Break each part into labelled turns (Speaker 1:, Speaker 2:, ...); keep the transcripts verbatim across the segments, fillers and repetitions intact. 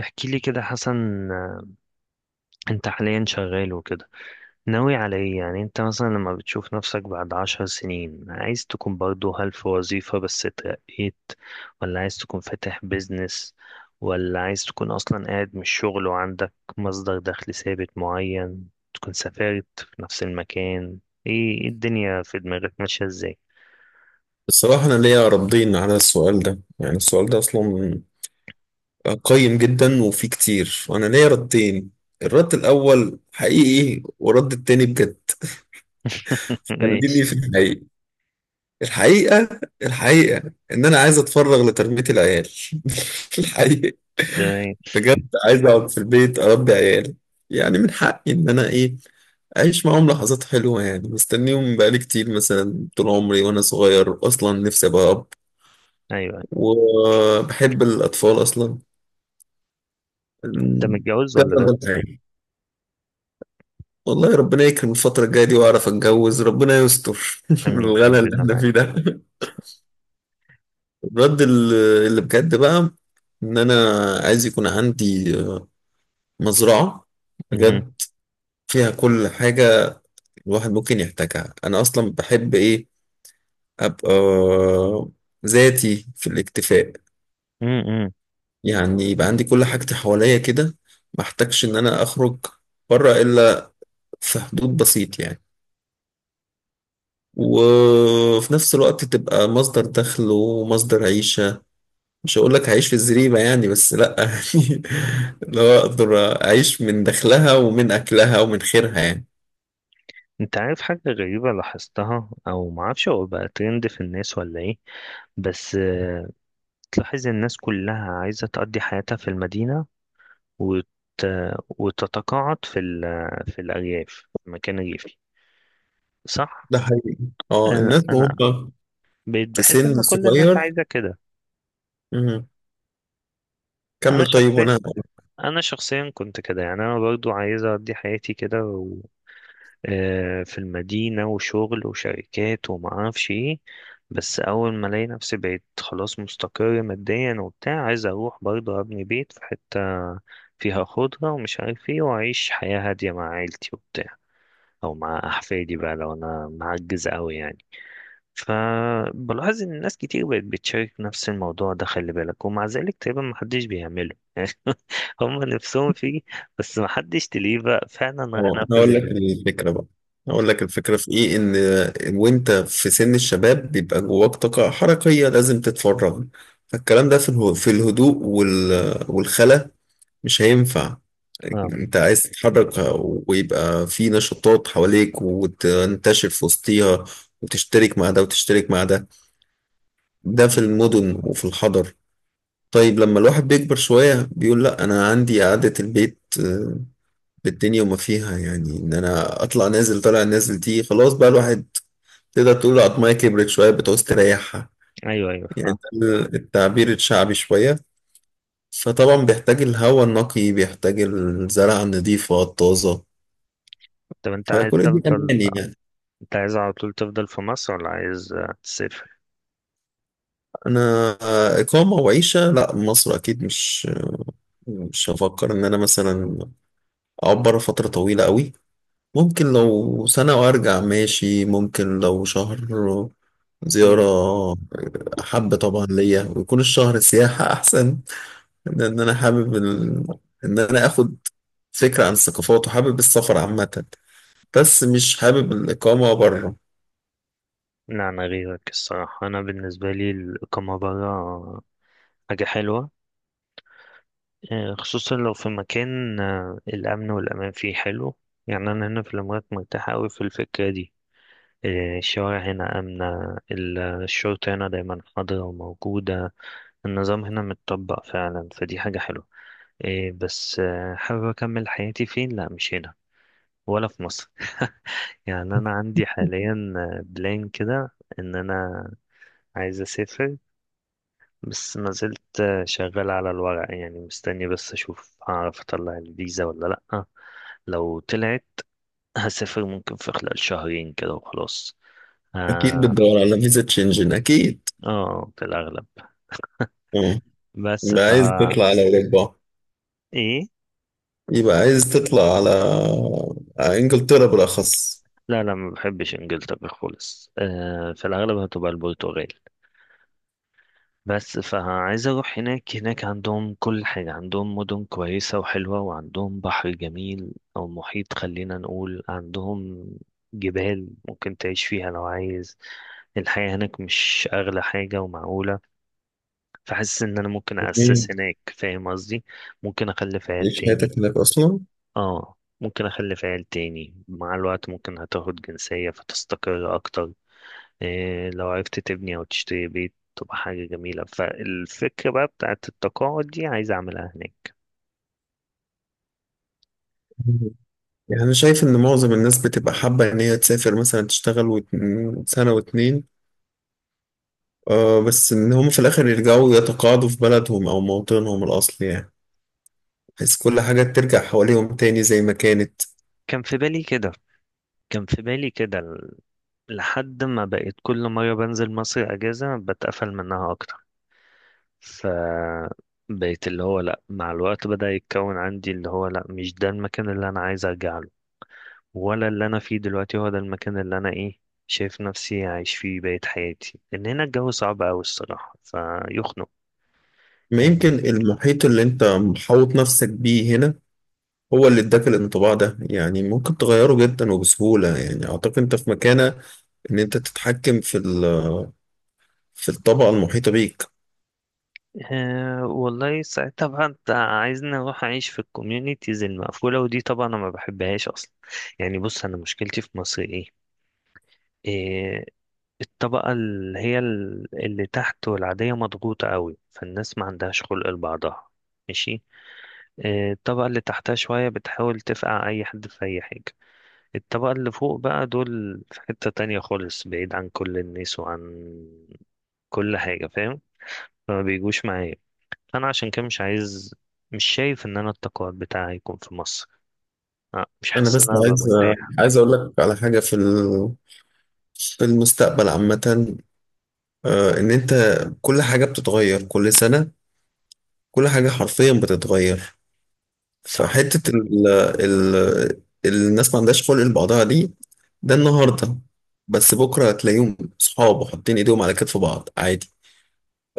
Speaker 1: احكي لي كده حسن، آه، انت حاليا شغال وكده ناوي على ايه؟ يعني انت مثلا لما بتشوف نفسك بعد عشر سنين، عايز تكون برضو، هل في وظيفة بس اترقيت، ولا عايز تكون فاتح بيزنس، ولا عايز تكون اصلا قاعد من الشغل وعندك مصدر دخل ثابت معين، تكون سافرت في نفس المكان، ايه إيه الدنيا في دماغك ماشية ازاي؟
Speaker 2: الصراحة أنا ليا ردين على السؤال ده. يعني السؤال ده أصلا قيم جدا وفيه كتير، وأنا ليا ردين. الرد الأول حقيقي والرد التاني بجد. خليني
Speaker 1: ماشي.
Speaker 2: في الحقيقي. الحقيقة الحقيقة إن أنا عايز أتفرغ لتربية العيال. الحقيقة
Speaker 1: تمام.
Speaker 2: بجد، عايز أقعد في البيت أربي عيال. يعني من حقي إن أنا إيه أعيش معاهم لحظات حلوة. يعني مستنيهم بقالي كتير، مثلا طول عمري وأنا صغير أصلا نفسي أبقى أب،
Speaker 1: ايوه.
Speaker 2: وبحب الأطفال أصلا
Speaker 1: انت متجوز ولا
Speaker 2: كذا
Speaker 1: لا؟
Speaker 2: بالحياة. والله ربنا يكرم الفترة الجاية دي وأعرف أتجوز، ربنا يستر من
Speaker 1: امين،
Speaker 2: الغلا اللي
Speaker 1: ربنا
Speaker 2: إحنا
Speaker 1: معاك.
Speaker 2: فيه ده. الرد ال- اللي بجد بقى، إن أنا عايز يكون عندي آه، مزرعة
Speaker 1: مهم.
Speaker 2: بجد، فيها كل حاجة الواحد ممكن يحتاجها. أنا أصلا بحب إيه أبقى ذاتي في الاكتفاء.
Speaker 1: مم،
Speaker 2: يعني يبقى عندي كل حاجتي حواليا كده، ما احتاجش إن أنا أخرج بره إلا في حدود بسيط يعني. وفي نفس الوقت تبقى مصدر دخل ومصدر عيشة. مش هقول لك هعيش في الزريبة يعني، بس لأ يعني لو أقدر أعيش من دخلها ومن أكلها ومن خيرها يعني.
Speaker 1: انت عارف حاجة غريبة لاحظتها، او معرفش هو بقى ترند في الناس ولا ايه، بس آه، تلاحظ الناس كلها عايزة تقضي حياتها في المدينة، وت... وتتقاعد في ال... في الأرياف، في مكان ريفي، صح؟
Speaker 2: ده حقيقي، اه
Speaker 1: انا
Speaker 2: الناس
Speaker 1: أنا
Speaker 2: وهم
Speaker 1: بقيت
Speaker 2: في
Speaker 1: بحس ان
Speaker 2: سن
Speaker 1: كل الناس
Speaker 2: صغير.
Speaker 1: عايزة كده.
Speaker 2: مم.
Speaker 1: انا
Speaker 2: كمل طيب،
Speaker 1: شخصيا
Speaker 2: وأنا
Speaker 1: انا شخصيا كنت كده، يعني انا برضو عايز اقضي حياتي كده، آه، في المدينة وشغل وشركات وما اعرفش ايه. بس اول ما الاقي نفسي بقيت خلاص مستقر ماديا وبتاع، عايز اروح برضه ابني بيت في حتة فيها خضرة ومش عارف ايه، واعيش حياة هادية مع عيلتي وبتاع، او مع احفادي بقى لو انا معجز قوي يعني. فبلاحظ ان ناس كتير بقت بتشارك نفس الموضوع ده، خلي بالك، ومع ذلك تقريبا محدش بيعمله هم نفسهم فيه. بس محدش تلاقيه بقى فعلا راح
Speaker 2: اه أنا
Speaker 1: نفذ
Speaker 2: هقول لك
Speaker 1: البناء.
Speaker 2: الفكرة بقى. هقول لك الفكرة في إيه. إن وأنت في سن الشباب بيبقى جواك طاقة حركية لازم تتفرغ، فالكلام ده في اله- في الهدوء وال- والخلا مش هينفع.
Speaker 1: اه.
Speaker 2: انت عايز تتحرك، ويبقى في نشاطات حواليك، وتنتشر في وسطيها، وتشترك مع ده وتشترك مع ده. ده في المدن وفي الحضر. طيب لما الواحد بيكبر شوية بيقول لا، أنا عندي قعدة البيت آه، بالدنيا وما فيها. يعني إن أنا أطلع نازل طالع نازل دي خلاص، بقى الواحد تقدر تقول عضماية كبرت شوية بتعوز تريحها.
Speaker 1: ايوه، ايوه،
Speaker 2: يعني
Speaker 1: فاهم.
Speaker 2: ده التعبير الشعبي شوية. فطبعا بيحتاج الهواء النقي، بيحتاج الزرع النظيفة الطازة.
Speaker 1: طب انت عايز
Speaker 2: فكل دي
Speaker 1: تفضل
Speaker 2: أماني يعني.
Speaker 1: انت عايز على طول تفضل في مصر ولا عايز آه، تسافر؟
Speaker 2: أنا إقامة وعيشة لا مصر أكيد، مش مش هفكر إن أنا مثلا أقعد بره فترة طويلة قوي. ممكن لو سنة وأرجع ماشي، ممكن لو شهر
Speaker 1: مم.
Speaker 2: زيارة حابة طبعا ليا، ويكون الشهر سياحة أحسن. لأن أنا حابب ال... إن أنا آخد فكرة عن الثقافات، وحابب السفر عامة، بس مش حابب الإقامة بره.
Speaker 1: لا، انا غيرك الصراحه، انا بالنسبه لي الاقامه بره حاجه حلوه. آه، خصوصا لو في مكان آه، الامن والامان فيه حلو. يعني انا هنا في الامارات مرتاح قوي في الفكره دي. آه، الشوارع هنا امنه، ال- الشرطه هنا دايما حاضره وموجوده. النظام هنا متطبق فعلا، فدي حاجه حلوه. آه، بس آه، حابب اكمل حياتي فين؟ لا، مش هنا، ولا في مصر يعني انا عندي حاليا بلان كده ان انا عايز اسافر، بس ما زلت شغال على الورق، يعني مستني بس اشوف هعرف اطلع الفيزا ولا لا. لو طلعت، هسافر ممكن في خلال شهرين كده وخلاص.
Speaker 2: أكيد
Speaker 1: اه.
Speaker 2: بتدور على فيزا شنجن أكيد.
Speaker 1: آه، في الاغلب.
Speaker 2: مم.
Speaker 1: بس
Speaker 2: يبقى عايز
Speaker 1: فها.
Speaker 2: تطلع على أوروبا.
Speaker 1: ايه.
Speaker 2: يبقى عايز تطلع على على إنجلترا بالأخص.
Speaker 1: لا، لا، ما بحبش انجلترا خالص. آه في الاغلب هتبقى البرتغال. بس فعايز اروح هناك. هناك عندهم كل حاجة، عندهم مدن كويسة وحلوة، وعندهم بحر جميل او محيط، خلينا نقول، عندهم جبال ممكن تعيش فيها لو عايز. الحياة هناك مش اغلى حاجة ومعقولة، فحاسس ان انا ممكن اسس
Speaker 2: جميل،
Speaker 1: هناك، فاهم قصدي؟ ممكن اخلف عيال
Speaker 2: تعيش
Speaker 1: تاني.
Speaker 2: حياتك هناك أصلا.
Speaker 1: اه. ممكن اخلف عيال تاني مع الوقت، ممكن هتاخد جنسية فتستقر اكتر. إيه، لو عرفت تبني أو تشتري بيت تبقى حاجة جميلة. فالفكرة بقى بتاعت التقاعد دي عايز أعملها هناك.
Speaker 2: مم. يعني أنا شايف إن معظم الناس بتبقى حابة إن هي تسافر مثلا تشتغل وت- سنة واتنين، آه، بس إن هم في الآخر يرجعوا يتقاعدوا في بلدهم أو موطنهم الأصلي، يعني بحيث كل حاجة ترجع حواليهم تاني زي ما كانت.
Speaker 1: كان في بالي كده كان في بالي كده ل- لحد ما بقيت كل مرة بنزل مصر أجازة بتقفل منها أكتر. ف بقيت اللي هو لأ، مع الوقت بدأ يتكون عندي اللي هو لأ، مش ده المكان اللي أنا عايز أرجع له، ولا اللي أنا فيه دلوقتي هو ده المكان اللي أنا إيه، شايف نفسي عايش فيه بقية حياتي، لأن هنا الجو صعب أوي الصراحة فيخنق
Speaker 2: ما يمكن
Speaker 1: يعني.
Speaker 2: المحيط اللي أنت محوط نفسك بيه هنا هو اللي اداك الانطباع ده. يعني ممكن تغيره جدا وبسهولة. يعني اعتقد انت في مكانة ان انت تتحكم في ال- في الطبقة المحيطة بيك.
Speaker 1: أه، والله ساعتها بقى انت عايزني اروح اعيش في الكوميونيتيز المقفوله، ودي طبعا انا ما بحبهاش اصلا. يعني بص، انا مشكلتي في مصر ايه، إيه، الطبقه اللي هي ال- اللي تحت والعاديه مضغوطه قوي، فالناس ما عندهاش خلق لبعضها. ماشي. إيه، الطبقه اللي تحتها شويه بتحاول تفقع اي حد في اي حاجه. الطبقه اللي فوق بقى دول في حته تانية خالص، بعيد عن كل الناس وعن كل حاجه، فاهم؟ فما بيجوش معايا. انا عشان كده مش عايز مش شايف ان انا التقاعد بتاعي يكون في مصر. أه، مش
Speaker 2: انا
Speaker 1: حاسس ان
Speaker 2: بس
Speaker 1: انا هبقى
Speaker 2: عايز
Speaker 1: مرتاح.
Speaker 2: عايز اقول لك على حاجة في ال- في المستقبل عامة. آه، ان انت كل حاجة بتتغير كل سنة، كل حاجة حرفيا بتتغير.
Speaker 1: صح.
Speaker 2: فحتة ال ال الناس ما عندهاش خلق لبعضها دي، ده النهاردة. بس بكرة هتلاقيهم صحاب وحاطين ايديهم على كتف بعض عادي.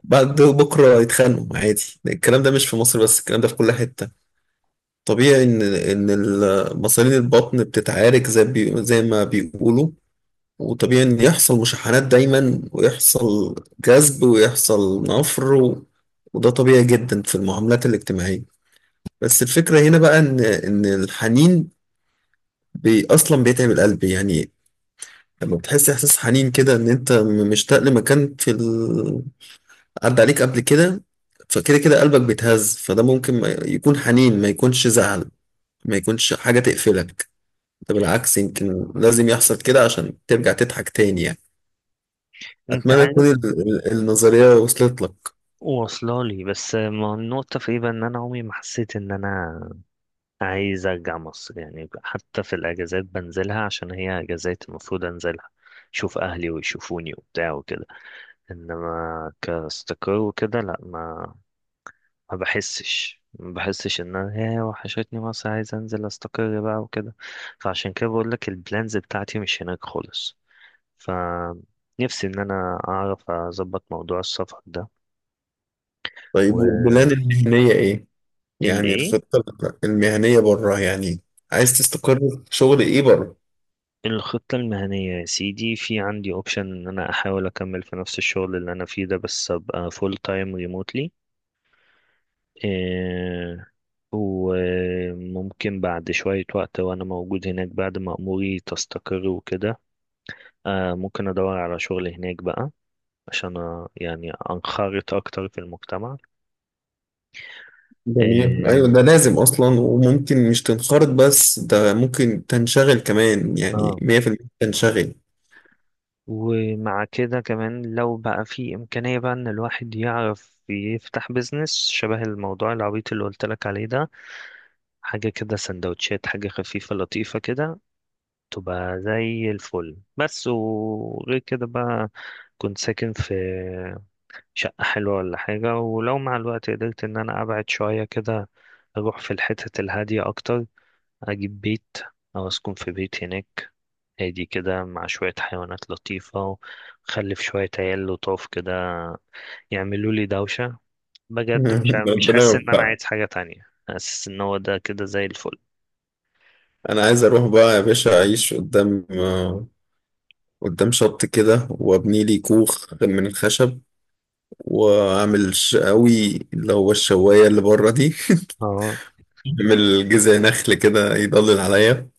Speaker 2: بعد بكرة يتخانقوا عادي. الكلام ده مش في مصر بس، الكلام ده في كل حتة. طبيعي إن إن ال- مصارين البطن بتتعارك زي بي زي ما بيقولوا. وطبيعي إن يحصل مشاحنات دايما، ويحصل جذب ويحصل نفر و... وده طبيعي جدا في المعاملات الاجتماعية. بس الفكرة هنا بقى إن إن الحنين بي أصلا بيتعب القلب يعني. لما بتحس إحساس حنين كده، إن أنت مشتاق لمكان في عدى عليك قبل كده، فكده كده قلبك بيتهز. فده ممكن ما يكون حنين، ما يكونش زعل، ما يكونش حاجة تقفلك. ده بالعكس يمكن لازم يحصل كده عشان ترجع تضحك تاني يعني.
Speaker 1: انت
Speaker 2: أتمنى
Speaker 1: عارف،
Speaker 2: تكون ال- ال- النظرية وصلت لك.
Speaker 1: واصله لي، بس ما النقطه في ايه بقى، ان انا عمري ما حسيت ان انا عايز ارجع مصر، يعني حتى في الاجازات بنزلها عشان هي اجازات المفروض انزلها اشوف اهلي ويشوفوني وبتاع وكده. انما كاستقر وكده لا، ما ما بحسش ما بحسش ان انا يا، وحشتني مصر عايز انزل استقر بقى وكده. فعشان كده بقول لك البلانز بتاعتي مش هناك خالص. ف نفسي ان انا اعرف اظبط موضوع السفر ده.
Speaker 2: طيب، والبلان
Speaker 1: و
Speaker 2: المهنية إيه؟
Speaker 1: ال
Speaker 2: يعني
Speaker 1: ايه
Speaker 2: الخطة المهنية بره يعني، عايز تستقر في شغل إيه بره؟
Speaker 1: الخطة المهنية يا سيدي، في عندي اوبشن ان انا احاول اكمل في نفس الشغل اللي انا فيه ده، بس ابقى فول تايم ريموتلي. إيه، وممكن بعد شوية وقت وانا موجود هناك، بعد ما اموري تستقر وكده، آه ممكن أدور على شغل هناك بقى، عشان آه، يعني أنخرط أكتر في المجتمع.
Speaker 2: جميل، أيوة
Speaker 1: آه،
Speaker 2: ده لازم أصلا. وممكن مش تنخرط بس، ده ممكن تنشغل كمان. يعني
Speaker 1: آه،
Speaker 2: مية في المية تنشغل.
Speaker 1: ومع كده كمان لو بقى في إمكانية بقى إن الواحد يعرف يفتح بيزنس، شبه الموضوع العبيط اللي قلت لك عليه ده، حاجة كده سندوتشات، حاجة خفيفة لطيفة كده، تبقى زي الفل. بس وغير كده بقى، كنت ساكن في شقة حلوة ولا حاجة، ولو مع الوقت قدرت إن أنا أبعد شوية كده أروح في الحتت الهادية أكتر، أجيب بيت أو أسكن في بيت هناك، هادي كده مع شوية حيوانات لطيفة، وخلف شوية عيال لطاف كده يعملوا لي دوشة. بجد مش ع- مش
Speaker 2: ربنا
Speaker 1: حاسس إن أنا
Speaker 2: يوفقك.
Speaker 1: عايز حاجة تانية، حاسس إن هو ده كده زي الفل.
Speaker 2: انا عايز اروح بقى يا باشا اعيش قدام، آه، قدام شط كده، وابني لي كوخ من الخشب، واعمل شقاوي اللي هو الشوايه اللي بره دي.
Speaker 1: اه.
Speaker 2: اعمل جذع نخل كده يضلل عليا،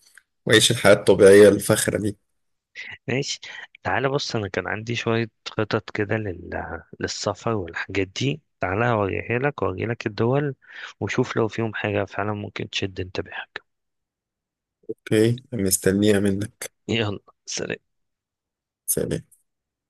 Speaker 2: واعيش الحياه الطبيعيه الفخره دي.
Speaker 1: ماشي. تعالى بص، أنا كان عندي شوية خطط كده لل... للسفر والحاجات دي، تعالى أوريها لك وأوري لك الدول، وشوف لو فيهم حاجة فعلا ممكن تشد انتباهك.
Speaker 2: اوكي، مستنيها منك.
Speaker 1: يلا، سلام.
Speaker 2: سلام.